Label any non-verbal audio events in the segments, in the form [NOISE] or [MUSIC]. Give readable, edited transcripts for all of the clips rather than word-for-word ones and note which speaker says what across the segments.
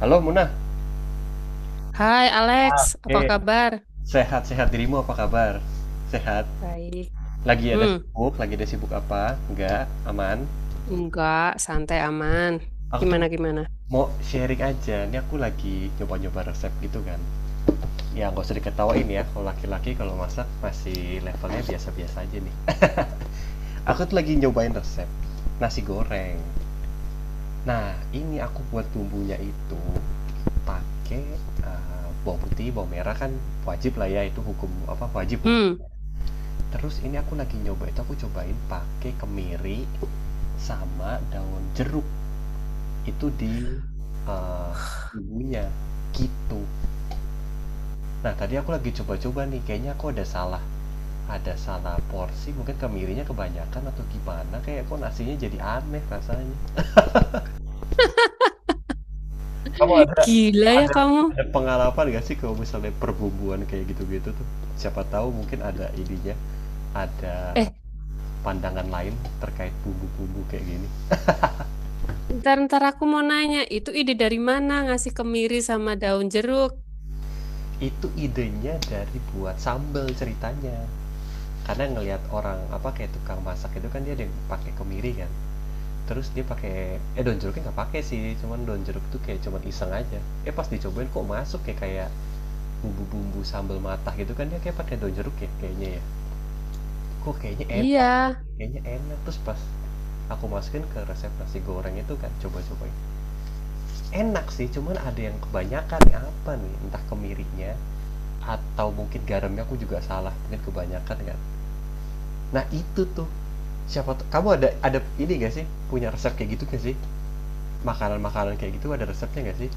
Speaker 1: Halo Munah.
Speaker 2: Hai Alex, apa
Speaker 1: Eh,
Speaker 2: kabar?
Speaker 1: Sehat-sehat dirimu, apa kabar? Sehat?
Speaker 2: Baik.
Speaker 1: Lagi ada
Speaker 2: Hmm,
Speaker 1: sibuk? Lagi ada sibuk apa? Enggak? Aman?
Speaker 2: enggak, santai aman.
Speaker 1: Aku tuh
Speaker 2: Gimana gimana?
Speaker 1: mau sharing aja. Ini aku lagi nyoba-nyoba resep gitu kan. Ya nggak usah diketawain ya. Kalau laki-laki kalau masak masih levelnya biasa-biasa aja nih. Aku tuh lagi nyobain resep nasi goreng. Nah, ini aku buat bumbunya itu pakai bawang putih, bawang merah kan wajib lah ya, itu hukum apa, wajib hukum.
Speaker 2: Hmm,
Speaker 1: Terus ini aku lagi nyoba itu, aku cobain pakai kemiri sama daun jeruk, itu di, eee, bumbunya, gitu. Nah tadi aku lagi coba-coba nih, kayaknya aku ada salah, ada salah porsi, mungkin kemirinya kebanyakan atau gimana, kayak kok nasinya jadi aneh rasanya.
Speaker 2: [LAUGHS] gila ya kamu.
Speaker 1: Ada pengalaman gak sih kalau misalnya perbumbuan kayak gitu-gitu tuh? Siapa tahu mungkin ada ininya, ada
Speaker 2: Eh,
Speaker 1: pandangan lain terkait bumbu-bumbu kayak gini.
Speaker 2: ntar ntar aku mau nanya, itu ide dari mana ngasih kemiri sama daun jeruk?
Speaker 1: Itu idenya dari buat sambel ceritanya. Karena ngelihat orang, apa, kayak tukang masak itu kan dia ada yang pakai kemiri kan, terus dia pakai daun jeruknya nggak pakai sih, cuman daun jeruk tuh kayak cuman iseng aja. Eh, pas dicobain kok masuk kayak kayak bumbu-bumbu sambal matah gitu kan, dia kayak pakai daun jeruk ya kayaknya ya. Kok kayaknya enak,
Speaker 2: Iya,
Speaker 1: kayaknya enak. Terus pas aku masukin ke resep nasi goreng itu kan coba-cobain. Enak sih, cuman ada yang kebanyakan apa nih, entah kemirinya atau mungkin garamnya aku juga salah, mungkin kebanyakan kan. Nah, itu tuh. Siapa tuh, kamu ada ini nggak sih, punya resep kayak gitu nggak sih? Makanan-makanan kayak gitu ada resepnya nggak sih?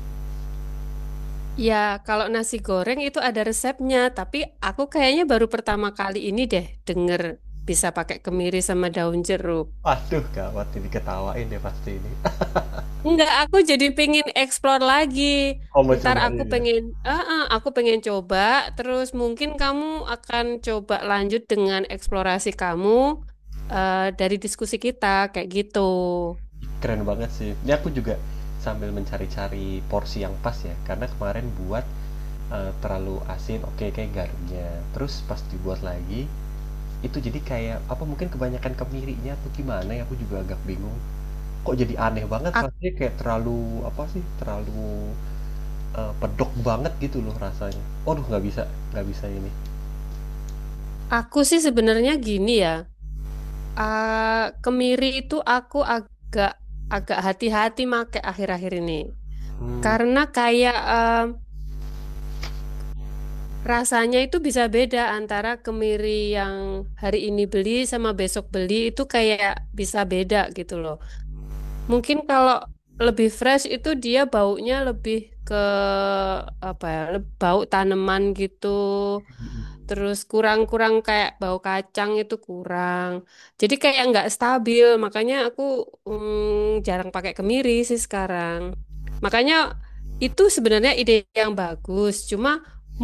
Speaker 2: ya kalau nasi goreng itu ada resepnya, tapi aku kayaknya baru pertama kali ini deh denger bisa pakai kemiri sama daun jeruk.
Speaker 1: Waduh, gawat ini, ketawain deh pasti ini. [LAUGHS]
Speaker 2: Enggak, aku jadi pengen explore lagi.
Speaker 1: Oh, kamu
Speaker 2: Ntar aku
Speaker 1: cobain ya?
Speaker 2: pengen, ah, ah, aku pengen coba. Terus mungkin kamu akan coba lanjut dengan eksplorasi kamu dari diskusi kita kayak gitu.
Speaker 1: Keren banget sih. Ini aku juga sambil mencari-cari porsi yang pas ya, karena kemarin buat, terlalu asin, oke kayak garamnya. Terus pas dibuat lagi, itu jadi kayak apa, mungkin kebanyakan kemirinya tuh gimana ya, aku juga agak bingung. Kok jadi aneh banget
Speaker 2: Ak-
Speaker 1: rasanya, kayak terlalu apa sih, terlalu pedok banget gitu loh rasanya. Aduh nggak bisa ini.
Speaker 2: aku sih sebenarnya gini ya. Kemiri itu aku agak agak hati-hati make akhir-akhir ini.
Speaker 1: Hmm,
Speaker 2: Karena kayak rasanya itu bisa beda antara kemiri yang hari ini beli sama besok beli itu kayak bisa beda gitu loh. Mungkin kalau lebih fresh itu dia baunya lebih ke apa ya, bau tanaman gitu. Terus kurang-kurang kayak bau kacang itu kurang. Jadi kayak nggak stabil, makanya aku jarang pakai kemiri sih sekarang. Makanya itu sebenarnya ide yang bagus. Cuma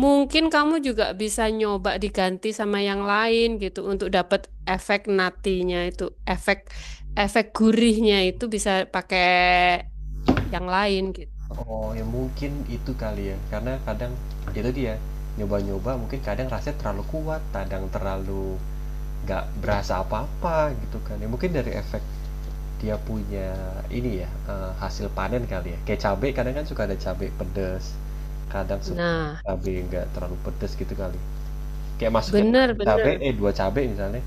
Speaker 2: mungkin kamu juga bisa nyoba diganti sama yang lain gitu untuk dapat efek natinya itu, efek efek gurihnya itu bisa pakai yang lain gitu.
Speaker 1: oh ya mungkin itu kali ya, karena kadang itu dia nyoba-nyoba, mungkin kadang rasanya terlalu kuat, kadang terlalu nggak berasa apa-apa gitu kan. Ya mungkin dari efek dia punya ini ya, hasil panen kali ya. Kayak cabai, kadang kan suka ada cabai pedes, kadang suka
Speaker 2: Nah,
Speaker 1: cabai nggak terlalu pedes gitu kali. Kayak masukin
Speaker 2: bener,
Speaker 1: satu cabai,
Speaker 2: bener,
Speaker 1: eh dua cabai misalnya,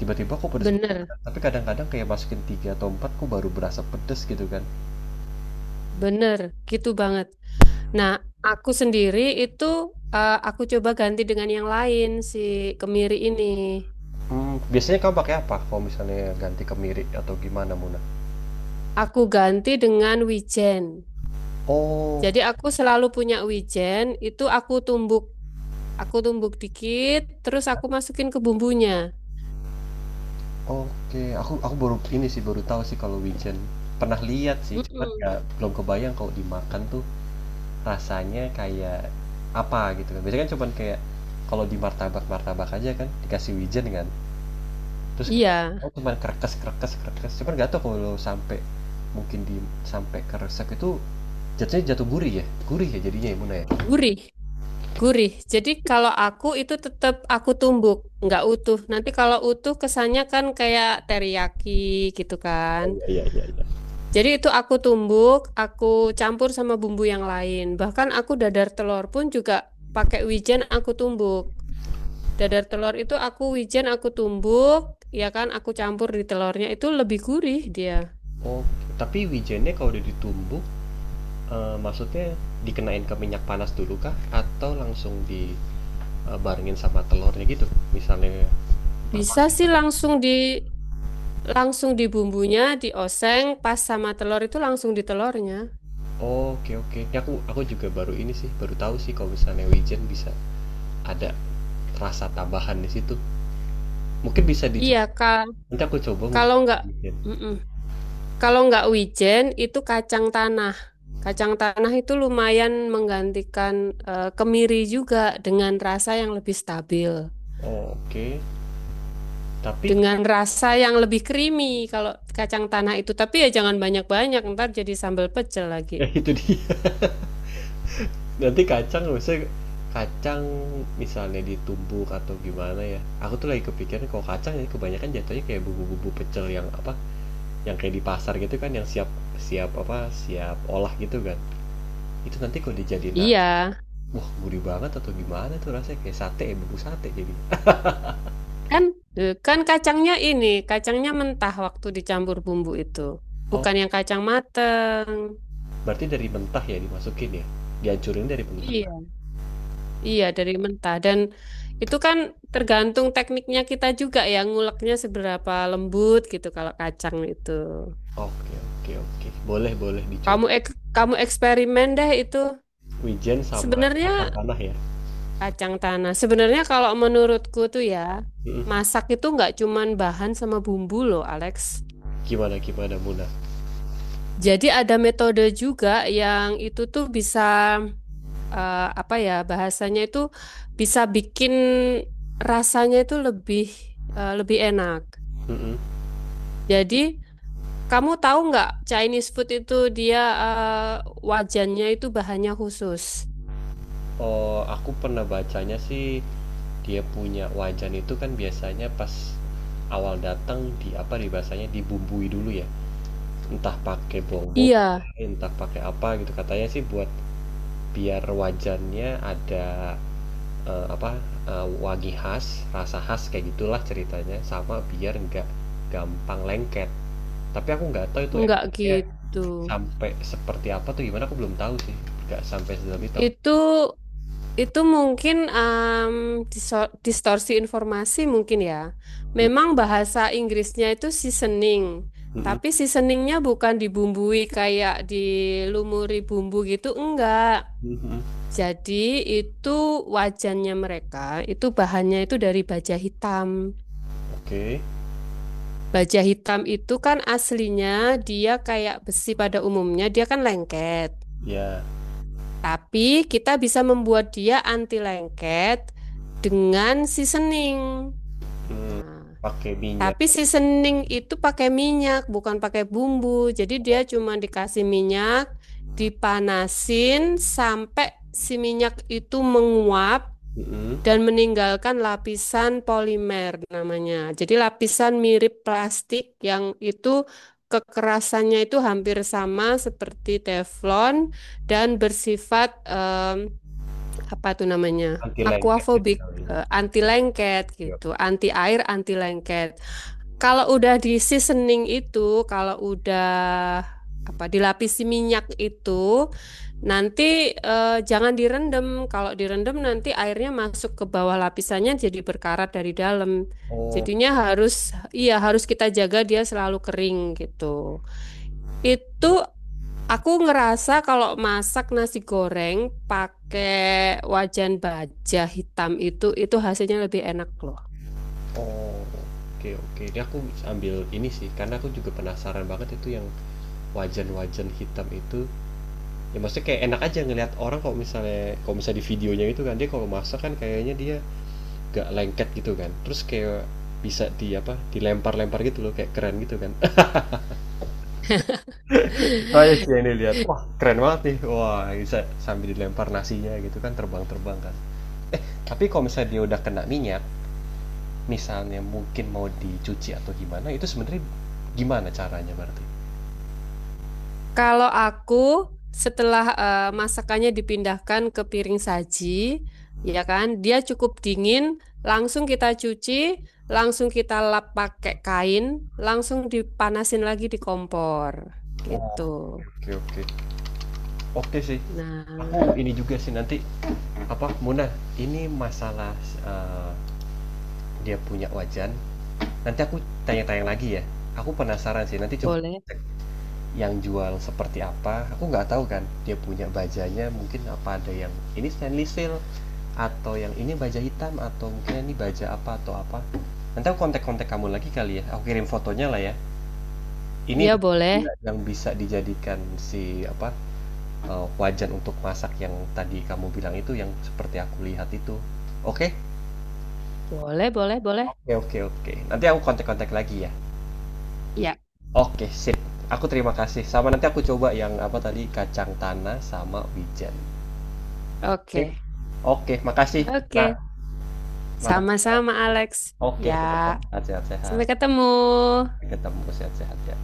Speaker 1: tiba-tiba kok pedes banget,
Speaker 2: bener,
Speaker 1: tapi kadang-kadang kayak masukin 3 atau 4 kok baru berasa pedes gitu kan.
Speaker 2: bener, gitu banget. Nah, aku sendiri itu aku coba ganti dengan yang lain si kemiri ini.
Speaker 1: Mmm, biasanya kamu pakai apa kalau misalnya ganti kemiri atau gimana, Muna?
Speaker 2: Aku ganti dengan wijen.
Speaker 1: Oh,
Speaker 2: Jadi aku selalu punya wijen, itu aku tumbuk dikit, terus aku masukin ke bumbunya.
Speaker 1: oke. Aku baru ini sih, baru tahu sih kalau wijen. Pernah lihat sih, cuman
Speaker 2: Mm-mm.
Speaker 1: nggak belum kebayang kalau dimakan tuh rasanya kayak apa gitu kan. Biasanya kan cuman kayak kalau di martabak-martabak aja kan dikasih wijen kan, terus kayak
Speaker 2: Iya,
Speaker 1: aku cuman krekes krekes krekes, cuman nggak tahu kalau sampai mungkin di sampai keresek itu jatuhnya jatuh gurih ya? Gurih ya jadinya ya Muna ya?
Speaker 2: gurih. Gurih. Jadi kalau aku itu tetap aku tumbuk, nggak utuh. Nanti kalau utuh kesannya kan kayak teriyaki gitu kan.
Speaker 1: Oh, iya iya iya.
Speaker 2: Jadi itu aku tumbuk, aku campur sama bumbu yang lain. Bahkan aku dadar telur pun juga pakai wijen aku tumbuk. Dadar telur itu aku wijen aku tumbuk, ya kan aku campur di telurnya itu lebih gurih dia.
Speaker 1: Oh, tapi wijennya kalau udah ditumbuk, maksudnya dikenain ke minyak panas dulu kah? Atau langsung dibarengin sama telurnya gitu? Misalnya apa?
Speaker 2: Bisa sih langsung di bumbunya, dioseng pas sama telur itu langsung di telurnya.
Speaker 1: Oh, oke oke. Ini aku juga baru ini sih, baru tahu sih kalau misalnya wijen bisa ada rasa tambahan di situ. Mungkin bisa
Speaker 2: Iya,
Speaker 1: dicoba.
Speaker 2: Kak.
Speaker 1: Nanti aku coba mungkin.
Speaker 2: Kalau nggak,
Speaker 1: Wijen.
Speaker 2: mm-mm. Kalau nggak wijen itu kacang tanah. Kacang tanah itu lumayan menggantikan kemiri juga dengan rasa yang lebih stabil,
Speaker 1: Oh, oke. Tapi
Speaker 2: dengan rasa yang lebih creamy kalau kacang tanah itu. Tapi ya jangan banyak-banyak, ntar jadi sambal pecel lagi.
Speaker 1: [LAUGHS] ya itu dia. [LAUGHS] Nanti kacang maksudnya kacang misalnya ditumbuk atau gimana ya. Aku tuh lagi kepikiran kalau kacang ini kebanyakan jatuhnya kayak bubu-bubu pecel yang apa? Yang kayak di pasar gitu kan yang siap, siap apa? Siap olah gitu kan. Itu nanti kalau dijadiin
Speaker 2: Iya,
Speaker 1: nasi, wah gurih banget, atau gimana tuh rasanya kayak sate, ya, sate jadi.
Speaker 2: kan kan kacangnya ini, kacangnya mentah waktu dicampur bumbu itu,
Speaker 1: Oh,
Speaker 2: bukan yang kacang mateng.
Speaker 1: berarti dari mentah ya dimasukin ya? Dihancurin dari mentah.
Speaker 2: Iya. Iya, dari mentah. Dan itu kan tergantung tekniknya kita juga ya, nguleknya seberapa lembut gitu kalau kacang itu.
Speaker 1: Oke, oke, oke. Boleh, boleh dicoba.
Speaker 2: Kamu eksperimen deh itu.
Speaker 1: Wijen sama
Speaker 2: Sebenarnya
Speaker 1: kacang tanah ya.
Speaker 2: kacang tanah. Sebenarnya kalau menurutku tuh ya,
Speaker 1: Mm-mm.
Speaker 2: masak itu nggak cuman bahan sama bumbu loh, Alex.
Speaker 1: Gimana gimana Muna?
Speaker 2: Jadi ada metode juga yang itu tuh bisa apa ya, bahasanya itu bisa bikin rasanya itu lebih lebih enak.
Speaker 1: Mm-mm.
Speaker 2: Jadi kamu tahu nggak Chinese food itu dia wajannya itu bahannya khusus.
Speaker 1: Oh, aku pernah bacanya sih, dia punya wajan itu kan biasanya pas awal datang di apa di bahasanya dibumbui dulu ya. Entah pakai bobo,
Speaker 2: Iya,
Speaker 1: entah pakai apa gitu. Katanya sih buat biar wajannya ada apa wangi khas, rasa khas kayak gitulah ceritanya, sama biar nggak gampang lengket. Tapi aku nggak tahu itu
Speaker 2: nggak
Speaker 1: efeknya
Speaker 2: gitu.
Speaker 1: sampai seperti apa tuh gimana, aku belum tahu sih. Nggak sampai sedalam itu.
Speaker 2: Itu itu mungkin distorsi informasi mungkin ya.
Speaker 1: Mm,
Speaker 2: Memang bahasa Inggrisnya itu seasoning,
Speaker 1: mm, mm,
Speaker 2: tapi seasoningnya bukan dibumbui kayak dilumuri bumbu gitu, enggak.
Speaker 1: mm, mm.
Speaker 2: Jadi itu wajannya mereka, itu bahannya itu dari baja hitam.
Speaker 1: Oke.
Speaker 2: Baja hitam itu kan aslinya dia kayak besi pada umumnya, dia kan lengket.
Speaker 1: Ya,
Speaker 2: Tapi kita bisa membuat dia anti lengket dengan seasoning.
Speaker 1: mmm,
Speaker 2: Nah,
Speaker 1: pakai minyak.
Speaker 2: tapi seasoning itu pakai minyak, bukan pakai bumbu. Jadi dia
Speaker 1: Oh,
Speaker 2: cuma dikasih minyak, dipanasin sampai si minyak itu menguap
Speaker 1: mhm,
Speaker 2: dan meninggalkan lapisan polimer namanya. Jadi lapisan mirip plastik yang itu kekerasannya itu hampir sama seperti teflon dan bersifat apa tuh namanya?
Speaker 1: anti lengket gitu
Speaker 2: Aquafobik,
Speaker 1: kalinya.
Speaker 2: eh, anti lengket
Speaker 1: Oke
Speaker 2: gitu,
Speaker 1: oke.
Speaker 2: anti air, anti lengket. Kalau udah di seasoning itu, kalau udah apa dilapisi minyak itu, nanti jangan direndam. Kalau direndam nanti airnya masuk ke bawah lapisannya jadi berkarat dari dalam.
Speaker 1: Oh,
Speaker 2: Jadinya harus iya harus kita jaga dia selalu kering gitu. Itu
Speaker 1: oh,
Speaker 2: aku ngerasa kalau masak nasi goreng pakai wajan baja hitam itu hasilnya lebih enak loh.
Speaker 1: oke oke. Ini aku ambil ini sih, karena aku juga penasaran banget itu yang wajan-wajan hitam itu, ya maksudnya kayak enak aja ngelihat orang kalau misalnya di videonya itu kan, dia kalau masak kan kayaknya dia gak lengket gitu kan, terus kayak bisa di apa, dilempar-lempar gitu loh, kayak keren gitu kan. [LAUGHS] Saya
Speaker 2: [LAUGHS]
Speaker 1: sih yang dilihat, wah keren banget nih, wah bisa sambil dilempar nasinya gitu kan, terbang-terbang kan. Eh, tapi kalau misalnya dia udah kena minyak, misalnya mungkin mau dicuci atau gimana, itu sebenarnya gimana caranya berarti?
Speaker 2: Kalau aku setelah masakannya dipindahkan ke piring saji, ya kan, dia cukup dingin, langsung kita cuci, langsung kita lap pakai kain, langsung dipanasin lagi di kompor,
Speaker 1: Oh,
Speaker 2: gitu.
Speaker 1: oke oke. Oke sih.
Speaker 2: Nah,
Speaker 1: Aku ini juga sih nanti apa Muna, ini masalah eh, dia punya wajan. Nanti aku tanya-tanya lagi ya. Aku penasaran sih. Nanti coba
Speaker 2: boleh.
Speaker 1: cek yang jual seperti apa. Aku nggak tahu kan dia punya bajanya mungkin apa, ada yang ini stainless steel atau yang ini baja hitam atau mungkin ini baja apa atau apa. Nanti aku kontak-kontak kamu lagi kali ya. Aku kirim fotonya lah ya. Ini
Speaker 2: Iya, boleh.
Speaker 1: yang bisa dijadikan si apa wajan untuk masak yang tadi kamu bilang itu, yang seperti aku lihat itu. Oke?
Speaker 2: Boleh, boleh, boleh.
Speaker 1: Oke, oke, oke. Nanti aku kontak-kontak lagi ya.
Speaker 2: Ya,
Speaker 1: Oke, sip. Aku terima kasih. Sama nanti aku coba yang apa tadi, kacang tanah sama wijen. Oke,
Speaker 2: oke.
Speaker 1: oke, makasih. Nah,
Speaker 2: Oke.
Speaker 1: makasih.
Speaker 2: Sama-sama, Alex.
Speaker 1: Oke, sehat-sehat,
Speaker 2: Ya,
Speaker 1: sehat-sehat.
Speaker 2: sampai ketemu.
Speaker 1: Ketemu sehat-sehat ya.